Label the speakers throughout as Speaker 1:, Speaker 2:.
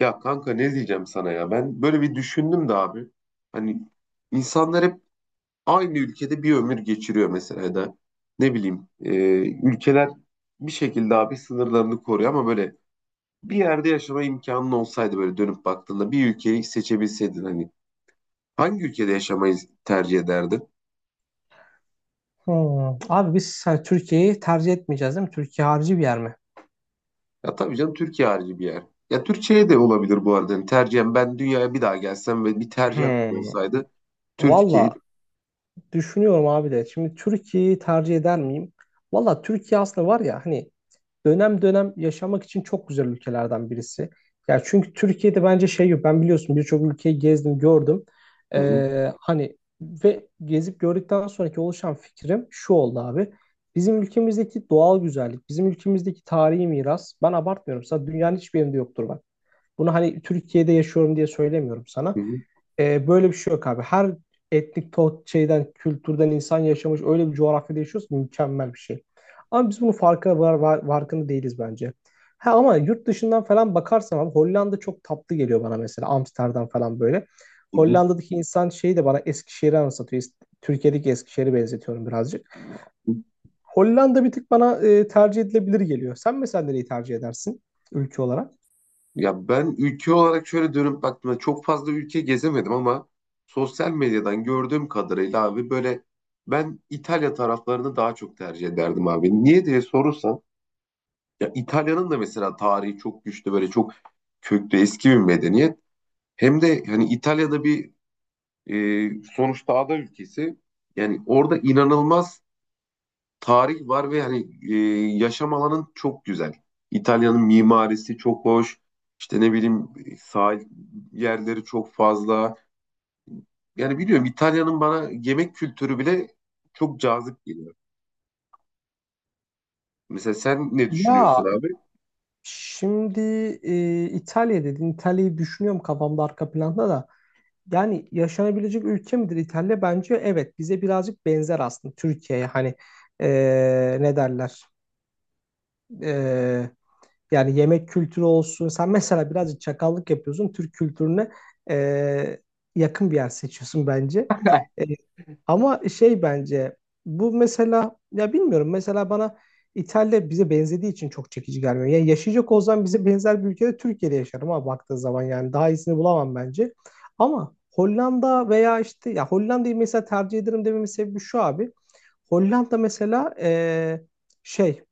Speaker 1: Ya kanka ne diyeceğim sana ya? Ben böyle bir düşündüm de abi. Hani insanlar hep aynı ülkede bir ömür geçiriyor mesela ya da ne bileyim ülkeler bir şekilde abi sınırlarını koruyor ama böyle bir yerde yaşama imkanın olsaydı böyle dönüp baktığında bir ülkeyi seçebilseydin hani hangi ülkede yaşamayı tercih ederdin?
Speaker 2: Hmm. Abi biz hani Türkiye'yi tercih etmeyeceğiz değil mi? Türkiye harici bir yer mi?
Speaker 1: Ya tabii canım Türkiye harici bir yer. Ya Türkiye de olabilir bu arada. Yani tercihen ben dünyaya bir daha gelsem ve bir tercih hakkı
Speaker 2: Hmm.
Speaker 1: olsaydı
Speaker 2: Valla
Speaker 1: Türkiye.
Speaker 2: düşünüyorum abi de. Şimdi Türkiye'yi tercih eder miyim? Valla Türkiye aslında var ya hani dönem dönem yaşamak için çok güzel ülkelerden birisi. Ya çünkü Türkiye'de bence şey yok. Ben biliyorsun birçok ülkeyi gezdim, gördüm.
Speaker 1: Hı hı,
Speaker 2: Hani ve gezip gördükten sonraki oluşan fikrim şu oldu abi. Bizim ülkemizdeki doğal güzellik, bizim ülkemizdeki tarihi miras. Ben abartmıyorum. Sana dünyanın hiçbir yerinde yoktur bak. Bunu hani Türkiye'de yaşıyorum diye söylemiyorum sana.
Speaker 1: hı hı,
Speaker 2: Böyle bir şey yok abi. Her şeyden, kültürden insan yaşamış öyle bir coğrafyada yaşıyoruz ki mükemmel bir şey. Ama biz bunun farkında değiliz bence. Ha ama yurt dışından falan bakarsam abi Hollanda çok tatlı geliyor bana mesela. Amsterdam falan böyle.
Speaker 1: hı
Speaker 2: Hollanda'daki insan şeyi de bana Eskişehir'i anlatıyor. Türkiye'deki Eskişehir'i benzetiyorum birazcık.
Speaker 1: hı.
Speaker 2: Hollanda bir tık bana tercih edilebilir geliyor. Sen mesela nereyi tercih edersin ülke olarak?
Speaker 1: Ya ben ülke olarak şöyle dönüp baktığımda çok fazla ülke gezemedim ama sosyal medyadan gördüğüm kadarıyla abi böyle ben İtalya taraflarını daha çok tercih ederdim abi. Niye diye sorursan ya İtalya'nın da mesela tarihi çok güçlü böyle çok köklü eski bir medeniyet. Hem de hani İtalya'da bir e, sonuçta ada ülkesi yani orada inanılmaz tarih var ve hani e, yaşam alanın çok güzel. İtalya'nın mimarisi çok hoş. İşte ne bileyim sahil yerleri çok fazla. Yani biliyorum İtalya'nın bana yemek kültürü bile çok cazip geliyor. Mesela sen ne
Speaker 2: Ya,
Speaker 1: düşünüyorsun abi?
Speaker 2: şimdi İtalya dedin. İtalya'yı düşünüyorum kafamda arka planda da. Yani yaşanabilecek ülke midir İtalya? Bence evet. Bize birazcık benzer aslında Türkiye'ye. Hani e, ne derler? Yani yemek kültürü olsun. Sen mesela birazcık çakallık yapıyorsun. Türk kültürüne e, yakın bir yer seçiyorsun bence. E, ama şey bence bu mesela ya bilmiyorum mesela bana İtalya bize benzediği için çok çekici gelmiyor. Yani yaşayacak olsam bize benzer bir ülkede Türkiye'de yaşarım ama baktığı zaman yani daha iyisini bulamam bence. Ama Hollanda veya işte ya Hollanda'yı mesela tercih ederim dememin sebebi şu abi. Hollanda mesela şey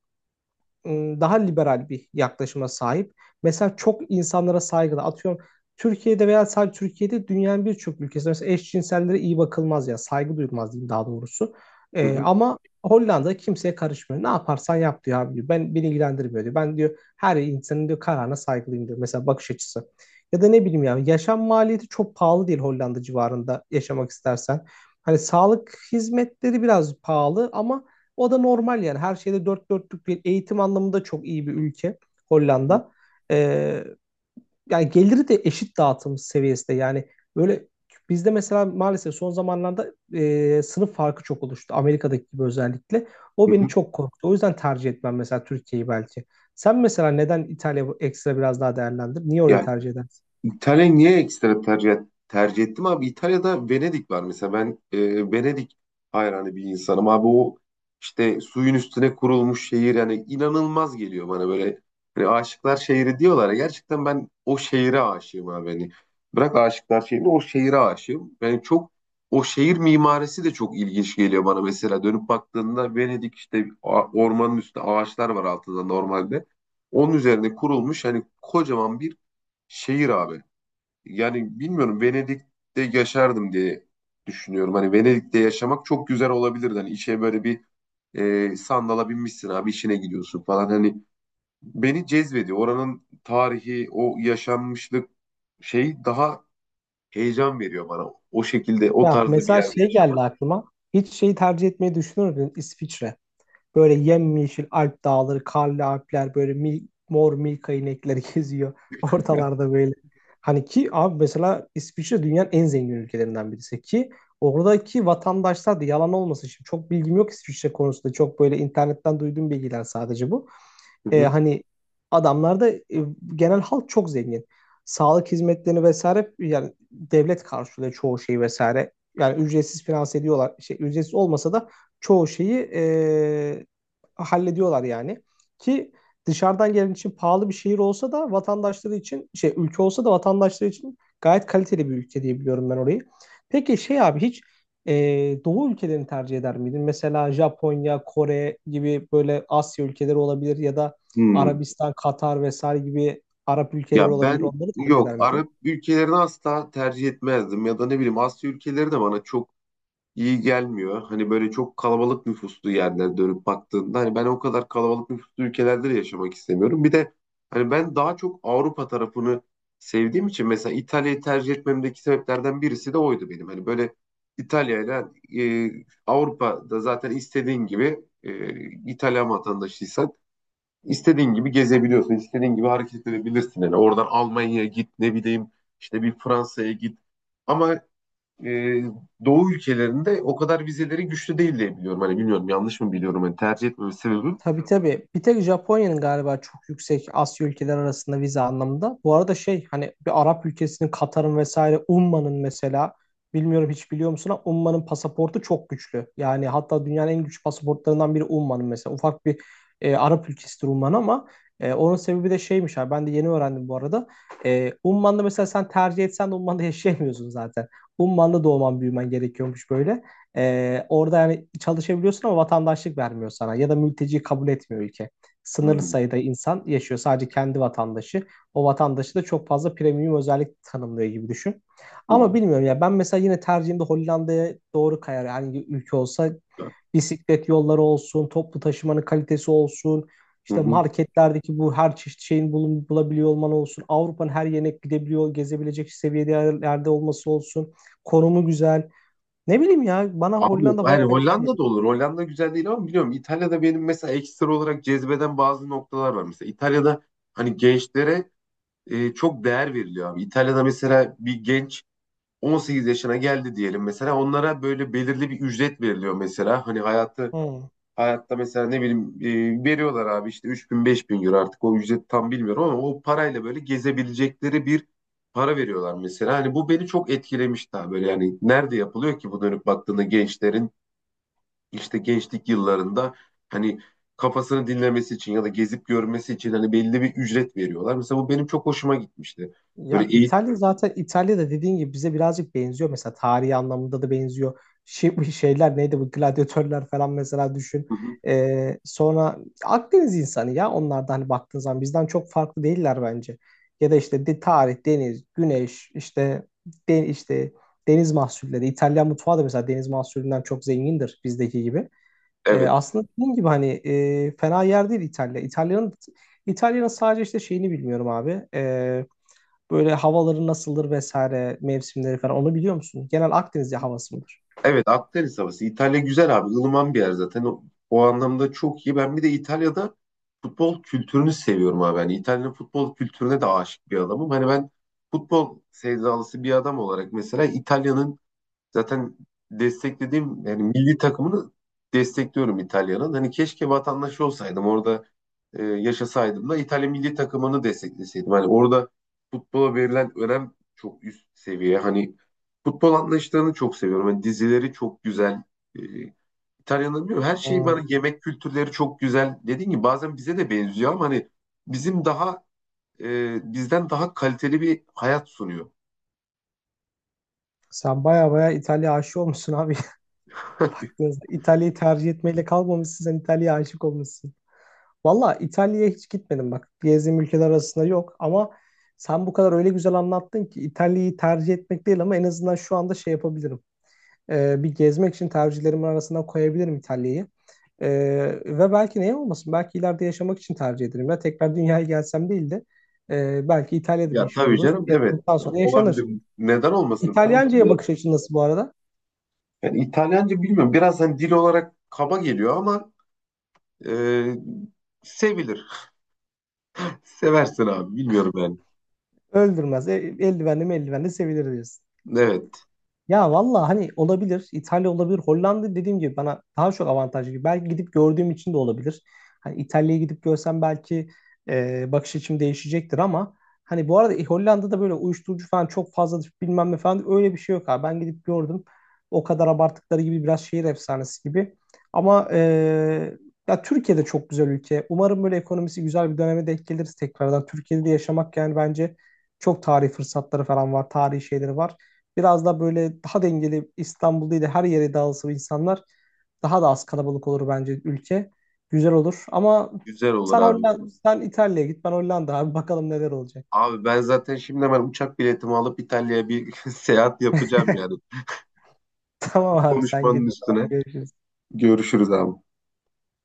Speaker 2: daha liberal bir yaklaşıma sahip. Mesela çok insanlara saygılı. Atıyorum Türkiye'de veya sadece Türkiye'de dünyanın birçok ülkesinde mesela eşcinsellere iyi bakılmaz ya saygı duyulmaz diyeyim daha doğrusu.
Speaker 1: Hı hı,
Speaker 2: Ama Hollanda kimseye karışmıyor. Ne yaparsan yap diyor abi diyor. Ben beni ilgilendirmiyor diyor. Ben diyor her insanın diyor kararına saygılıyım diyor. Mesela bakış açısı. Ya da ne bileyim yani yaşam maliyeti çok pahalı değil Hollanda civarında yaşamak istersen. Hani sağlık hizmetleri biraz pahalı ama o da normal yani. Her şeyde dört dörtlük bir eğitim anlamında çok iyi bir ülke Hollanda. Ee, yani geliri de eşit dağıtım seviyesinde. Yani böyle bizde mesela maalesef son zamanlarda sınıf farkı çok oluştu. Amerika'daki gibi özellikle.
Speaker 1: hı
Speaker 2: O beni
Speaker 1: hı.
Speaker 2: çok korktu. O yüzden tercih etmem mesela Türkiye'yi belki. Sen mesela neden İtalya ekstra biraz daha değerlendir? Niye orayı
Speaker 1: Ya
Speaker 2: tercih edersin?
Speaker 1: İtalya'yı niye ekstra tercih ettim abi? İtalya'da Venedik var mesela. Ben Venedik hayranı bir insanım abi. O işte suyun üstüne kurulmuş şehir yani inanılmaz geliyor bana böyle. Hani aşıklar şehri diyorlar ya. Gerçekten ben o şehire aşığım abi. Hani bırak aşıklar şehrini o şehire aşığım. Yani çok o şehir mimarisi de çok ilginç geliyor bana mesela. Dönüp baktığında Venedik işte ormanın üstü ağaçlar var altında normalde. Onun üzerine kurulmuş hani kocaman bir şehir abi yani bilmiyorum Venedik'te yaşardım diye düşünüyorum. Hani Venedik'te yaşamak çok güzel olabilirdi. Hani işe böyle bir sandala binmişsin abi işine gidiyorsun falan. Hani beni cezbediyor. Oranın tarihi, o yaşanmışlık şey daha heyecan veriyor bana. O şekilde, o
Speaker 2: Ya
Speaker 1: tarzda bir
Speaker 2: mesela
Speaker 1: yerde
Speaker 2: şey geldi
Speaker 1: yaşamak.
Speaker 2: aklıma. Hiç şeyi tercih etmeyi düşünür müydün? İsviçre. Böyle yemyeşil Alp dağları, karlı Alpler böyle mor Milka inekleri geziyor ortalarda böyle. Hani ki abi mesela İsviçre dünyanın en zengin ülkelerinden birisi ki oradaki vatandaşlar da yalan olmasın şimdi çok bilgim yok İsviçre konusunda çok böyle internetten duyduğum bilgiler sadece bu.
Speaker 1: Hı hı.
Speaker 2: Hani adamlarda genel halk çok zengin. Sağlık hizmetlerini vesaire yani devlet karşılıyor çoğu şeyi vesaire. Yani ücretsiz finanse ediyorlar. Şey, ücretsiz olmasa da çoğu şeyi hallediyorlar yani. Ki dışarıdan gelen için pahalı bir şehir olsa da vatandaşları için şey ülke olsa da vatandaşları için gayet kaliteli bir ülke diye biliyorum ben orayı. Peki şey abi hiç e, doğu ülkelerini tercih eder miydin? Mesela Japonya, Kore gibi böyle Asya ülkeleri olabilir ya da
Speaker 1: Hmm.
Speaker 2: Arabistan, Katar vesaire gibi Arap ülkeleri
Speaker 1: Ya
Speaker 2: olabilir.
Speaker 1: ben
Speaker 2: Onları tercih
Speaker 1: yok
Speaker 2: eder miydin?
Speaker 1: Arap ülkelerini asla tercih etmezdim ya da ne bileyim Asya ülkeleri de bana çok iyi gelmiyor. Hani böyle çok kalabalık nüfuslu yerlere dönüp baktığında hani ben o kadar kalabalık nüfuslu ülkelerde de yaşamak istemiyorum. Bir de hani ben daha çok Avrupa tarafını sevdiğim için mesela İtalya'yı tercih etmemdeki sebeplerden birisi de oydu benim. Hani böyle İtalya'yla e, Avrupa'da zaten istediğin gibi İtalyan vatandaşıysan istediğin gibi gezebiliyorsun, istediğin gibi hareket edebilirsin. Yani oradan Almanya'ya git, ne bileyim işte bir Fransa'ya git. Ama e, Doğu ülkelerinde o kadar vizeleri güçlü değil diye biliyorum. Hani bilmiyorum yanlış mı biliyorum. Hani tercih etmeme sebebim.
Speaker 2: Tabii tabii. Bir tek Japonya'nın galiba çok yüksek Asya ülkeler arasında vize anlamında. Bu arada şey hani bir Arap ülkesinin Katar'ın vesaire Umman'ın mesela bilmiyorum hiç biliyor musun ama Umman'ın pasaportu çok güçlü. Yani hatta dünyanın en güçlü pasaportlarından biri Umman'ın mesela. Ufak bir Arap ülkesidir Umman ama onun sebebi de şeymiş abi ben de yeni öğrendim bu arada. Umman'da mesela sen tercih etsen de Umman'da yaşayamıyorsun zaten. Umman'da doğman büyümen gerekiyormuş böyle. Orada yani çalışabiliyorsun ama vatandaşlık vermiyor sana ya da mülteci kabul etmiyor ülke. Sınırlı
Speaker 1: Hmm.
Speaker 2: sayıda insan yaşıyor sadece kendi vatandaşı. O vatandaşı da çok fazla premium özellik tanımlıyor gibi düşün.
Speaker 1: Hı
Speaker 2: Ama
Speaker 1: hı.
Speaker 2: bilmiyorum ya ben mesela yine tercihimde Hollanda'ya doğru kayar. Yani ülke olsa bisiklet yolları olsun, toplu taşımanın kalitesi olsun,
Speaker 1: Hı
Speaker 2: işte
Speaker 1: hı.
Speaker 2: marketlerdeki bu her çeşit şeyin bulabiliyor olman olsun, Avrupa'nın her yerine gezebilecek seviyede yerlerde olması olsun, konumu güzel. Ne bileyim ya bana
Speaker 1: Ama
Speaker 2: Hollanda
Speaker 1: yani
Speaker 2: bayağı güzel
Speaker 1: Hollanda da
Speaker 2: geliyor.
Speaker 1: olur. Hollanda güzel değil ama biliyorum İtalya'da benim mesela ekstra olarak cezbeden bazı noktalar var. Mesela İtalya'da hani gençlere çok değer veriliyor abi. İtalya'da mesela bir genç 18 yaşına geldi diyelim mesela onlara böyle belirli bir ücret veriliyor mesela. Hani hayatı
Speaker 2: Hmm.
Speaker 1: Hayatta mesela ne bileyim veriyorlar abi işte 3000 bin euro artık o ücreti tam bilmiyorum ama o parayla böyle gezebilecekleri bir para veriyorlar mesela. Hani bu beni çok etkilemişti abi böyle yani nerede yapılıyor ki bu dönüp baktığında gençlerin işte gençlik yıllarında hani kafasını dinlemesi için ya da gezip görmesi için hani belli bir ücret veriyorlar. Mesela bu benim çok hoşuma gitmişti. Böyle
Speaker 2: Ya
Speaker 1: eğitim,
Speaker 2: İtalya zaten İtalya'da dediğin gibi bize birazcık benziyor. Mesela tarihi anlamında da benziyor. Şey, bu şeyler neydi bu gladyatörler falan mesela düşün. Sonra Akdeniz insanı ya onlar da hani baktığın zaman bizden çok farklı değiller bence. Ya da işte tarih, deniz, güneş, işte işte deniz mahsulleri. İtalyan mutfağı da mesela deniz mahsullerinden çok zengindir bizdeki gibi.
Speaker 1: evet.
Speaker 2: Aslında dediğim gibi hani fena yer değil İtalya. İtalya'nın sadece işte şeyini bilmiyorum abi. Böyle havaları nasıldır vesaire mevsimleri falan onu biliyor musun? Genel Akdeniz havası mıdır?
Speaker 1: Evet Akdeniz havası. İtalya güzel abi. Ilıman bir yer zaten. O, o anlamda çok iyi. Ben bir de İtalya'da futbol kültürünü seviyorum abi. Hani İtalya'nın futbol kültürüne de aşık bir adamım. Hani ben futbol sevdalısı bir adam olarak mesela İtalya'nın Zaten desteklediğim yani milli takımını destekliyorum İtalya'nın. Hani keşke vatandaşı olsaydım orada yaşasaydım da İtalya milli takımını destekleseydim. Hani orada futbola verilen önem çok üst seviye. Hani futbol anlayışlarını çok seviyorum. Hani dizileri çok güzel. E, İtalya'nın bilmiyorum her şeyi bana
Speaker 2: Hmm.
Speaker 1: yemek kültürleri çok güzel. Dediğim gibi bazen bize de benziyor ama hani bizim daha bizden daha kaliteli bir hayat sunuyor.
Speaker 2: Sen baya baya İtalya aşık olmuşsun abi. Baktığınızda İtalya'yı tercih etmeyle kalmamışsın sen İtalya'ya aşık olmuşsun. Valla İtalya'ya hiç gitmedim bak. Gezdiğim ülkeler arasında yok ama sen bu kadar öyle güzel anlattın ki İtalya'yı tercih etmek değil ama en azından şu anda şey yapabilirim. Bir gezmek için tercihlerimin arasına koyabilirim İtalya'yı. Ee, ve belki neye olmasın? Belki ileride yaşamak için tercih ederim. Ya tekrar dünyaya gelsem değil de belki İtalya'da bir
Speaker 1: Ya
Speaker 2: iş
Speaker 1: tabii
Speaker 2: buluruz.
Speaker 1: canım
Speaker 2: İş
Speaker 1: evet
Speaker 2: bulduktan sonra yaşanır.
Speaker 1: olabilir. Neden olmasın tabii ki
Speaker 2: İtalyanca'ya
Speaker 1: de.
Speaker 2: bakış açın nasıl bu arada?
Speaker 1: Yani İtalyanca bilmiyorum. Biraz hani dil olarak kaba geliyor ama e, sevilir. Seversin abi bilmiyorum yani.
Speaker 2: Öldürmez. Eldivenli mi eldivenli sevilir diyorsun.
Speaker 1: Evet
Speaker 2: Ya valla hani olabilir. İtalya olabilir. Hollanda dediğim gibi bana daha çok avantajlı gibi. Belki gidip gördüğüm için de olabilir. Hani İtalya'yı gidip görsem belki bakış açım değişecektir ama hani bu arada Hollanda'da böyle uyuşturucu falan çok fazladır bilmem ne falan öyle bir şey yok abi. Ben gidip gördüm. O kadar abarttıkları gibi biraz şehir efsanesi gibi. Ama ya Türkiye'de çok güzel ülke. Umarım böyle ekonomisi güzel bir döneme denk geliriz tekrardan. Türkiye'de de yaşamak yani bence çok tarihi fırsatları falan var. Tarihi şeyleri var. Biraz da böyle daha dengeli İstanbul değil de her yere dağılsa insanlar daha da az kalabalık olur bence ülke. Güzel olur ama
Speaker 1: güzel olur
Speaker 2: sen
Speaker 1: abi.
Speaker 2: Hollanda, sen İtalya'ya git ben Hollanda abi bakalım neler olacak.
Speaker 1: Abi ben zaten şimdi hemen uçak biletimi alıp İtalya'ya bir seyahat yapacağım yani.
Speaker 2: Tamam abi sen git
Speaker 1: Konuşmanın
Speaker 2: o zaman
Speaker 1: üstüne.
Speaker 2: görüşürüz.
Speaker 1: Görüşürüz abi.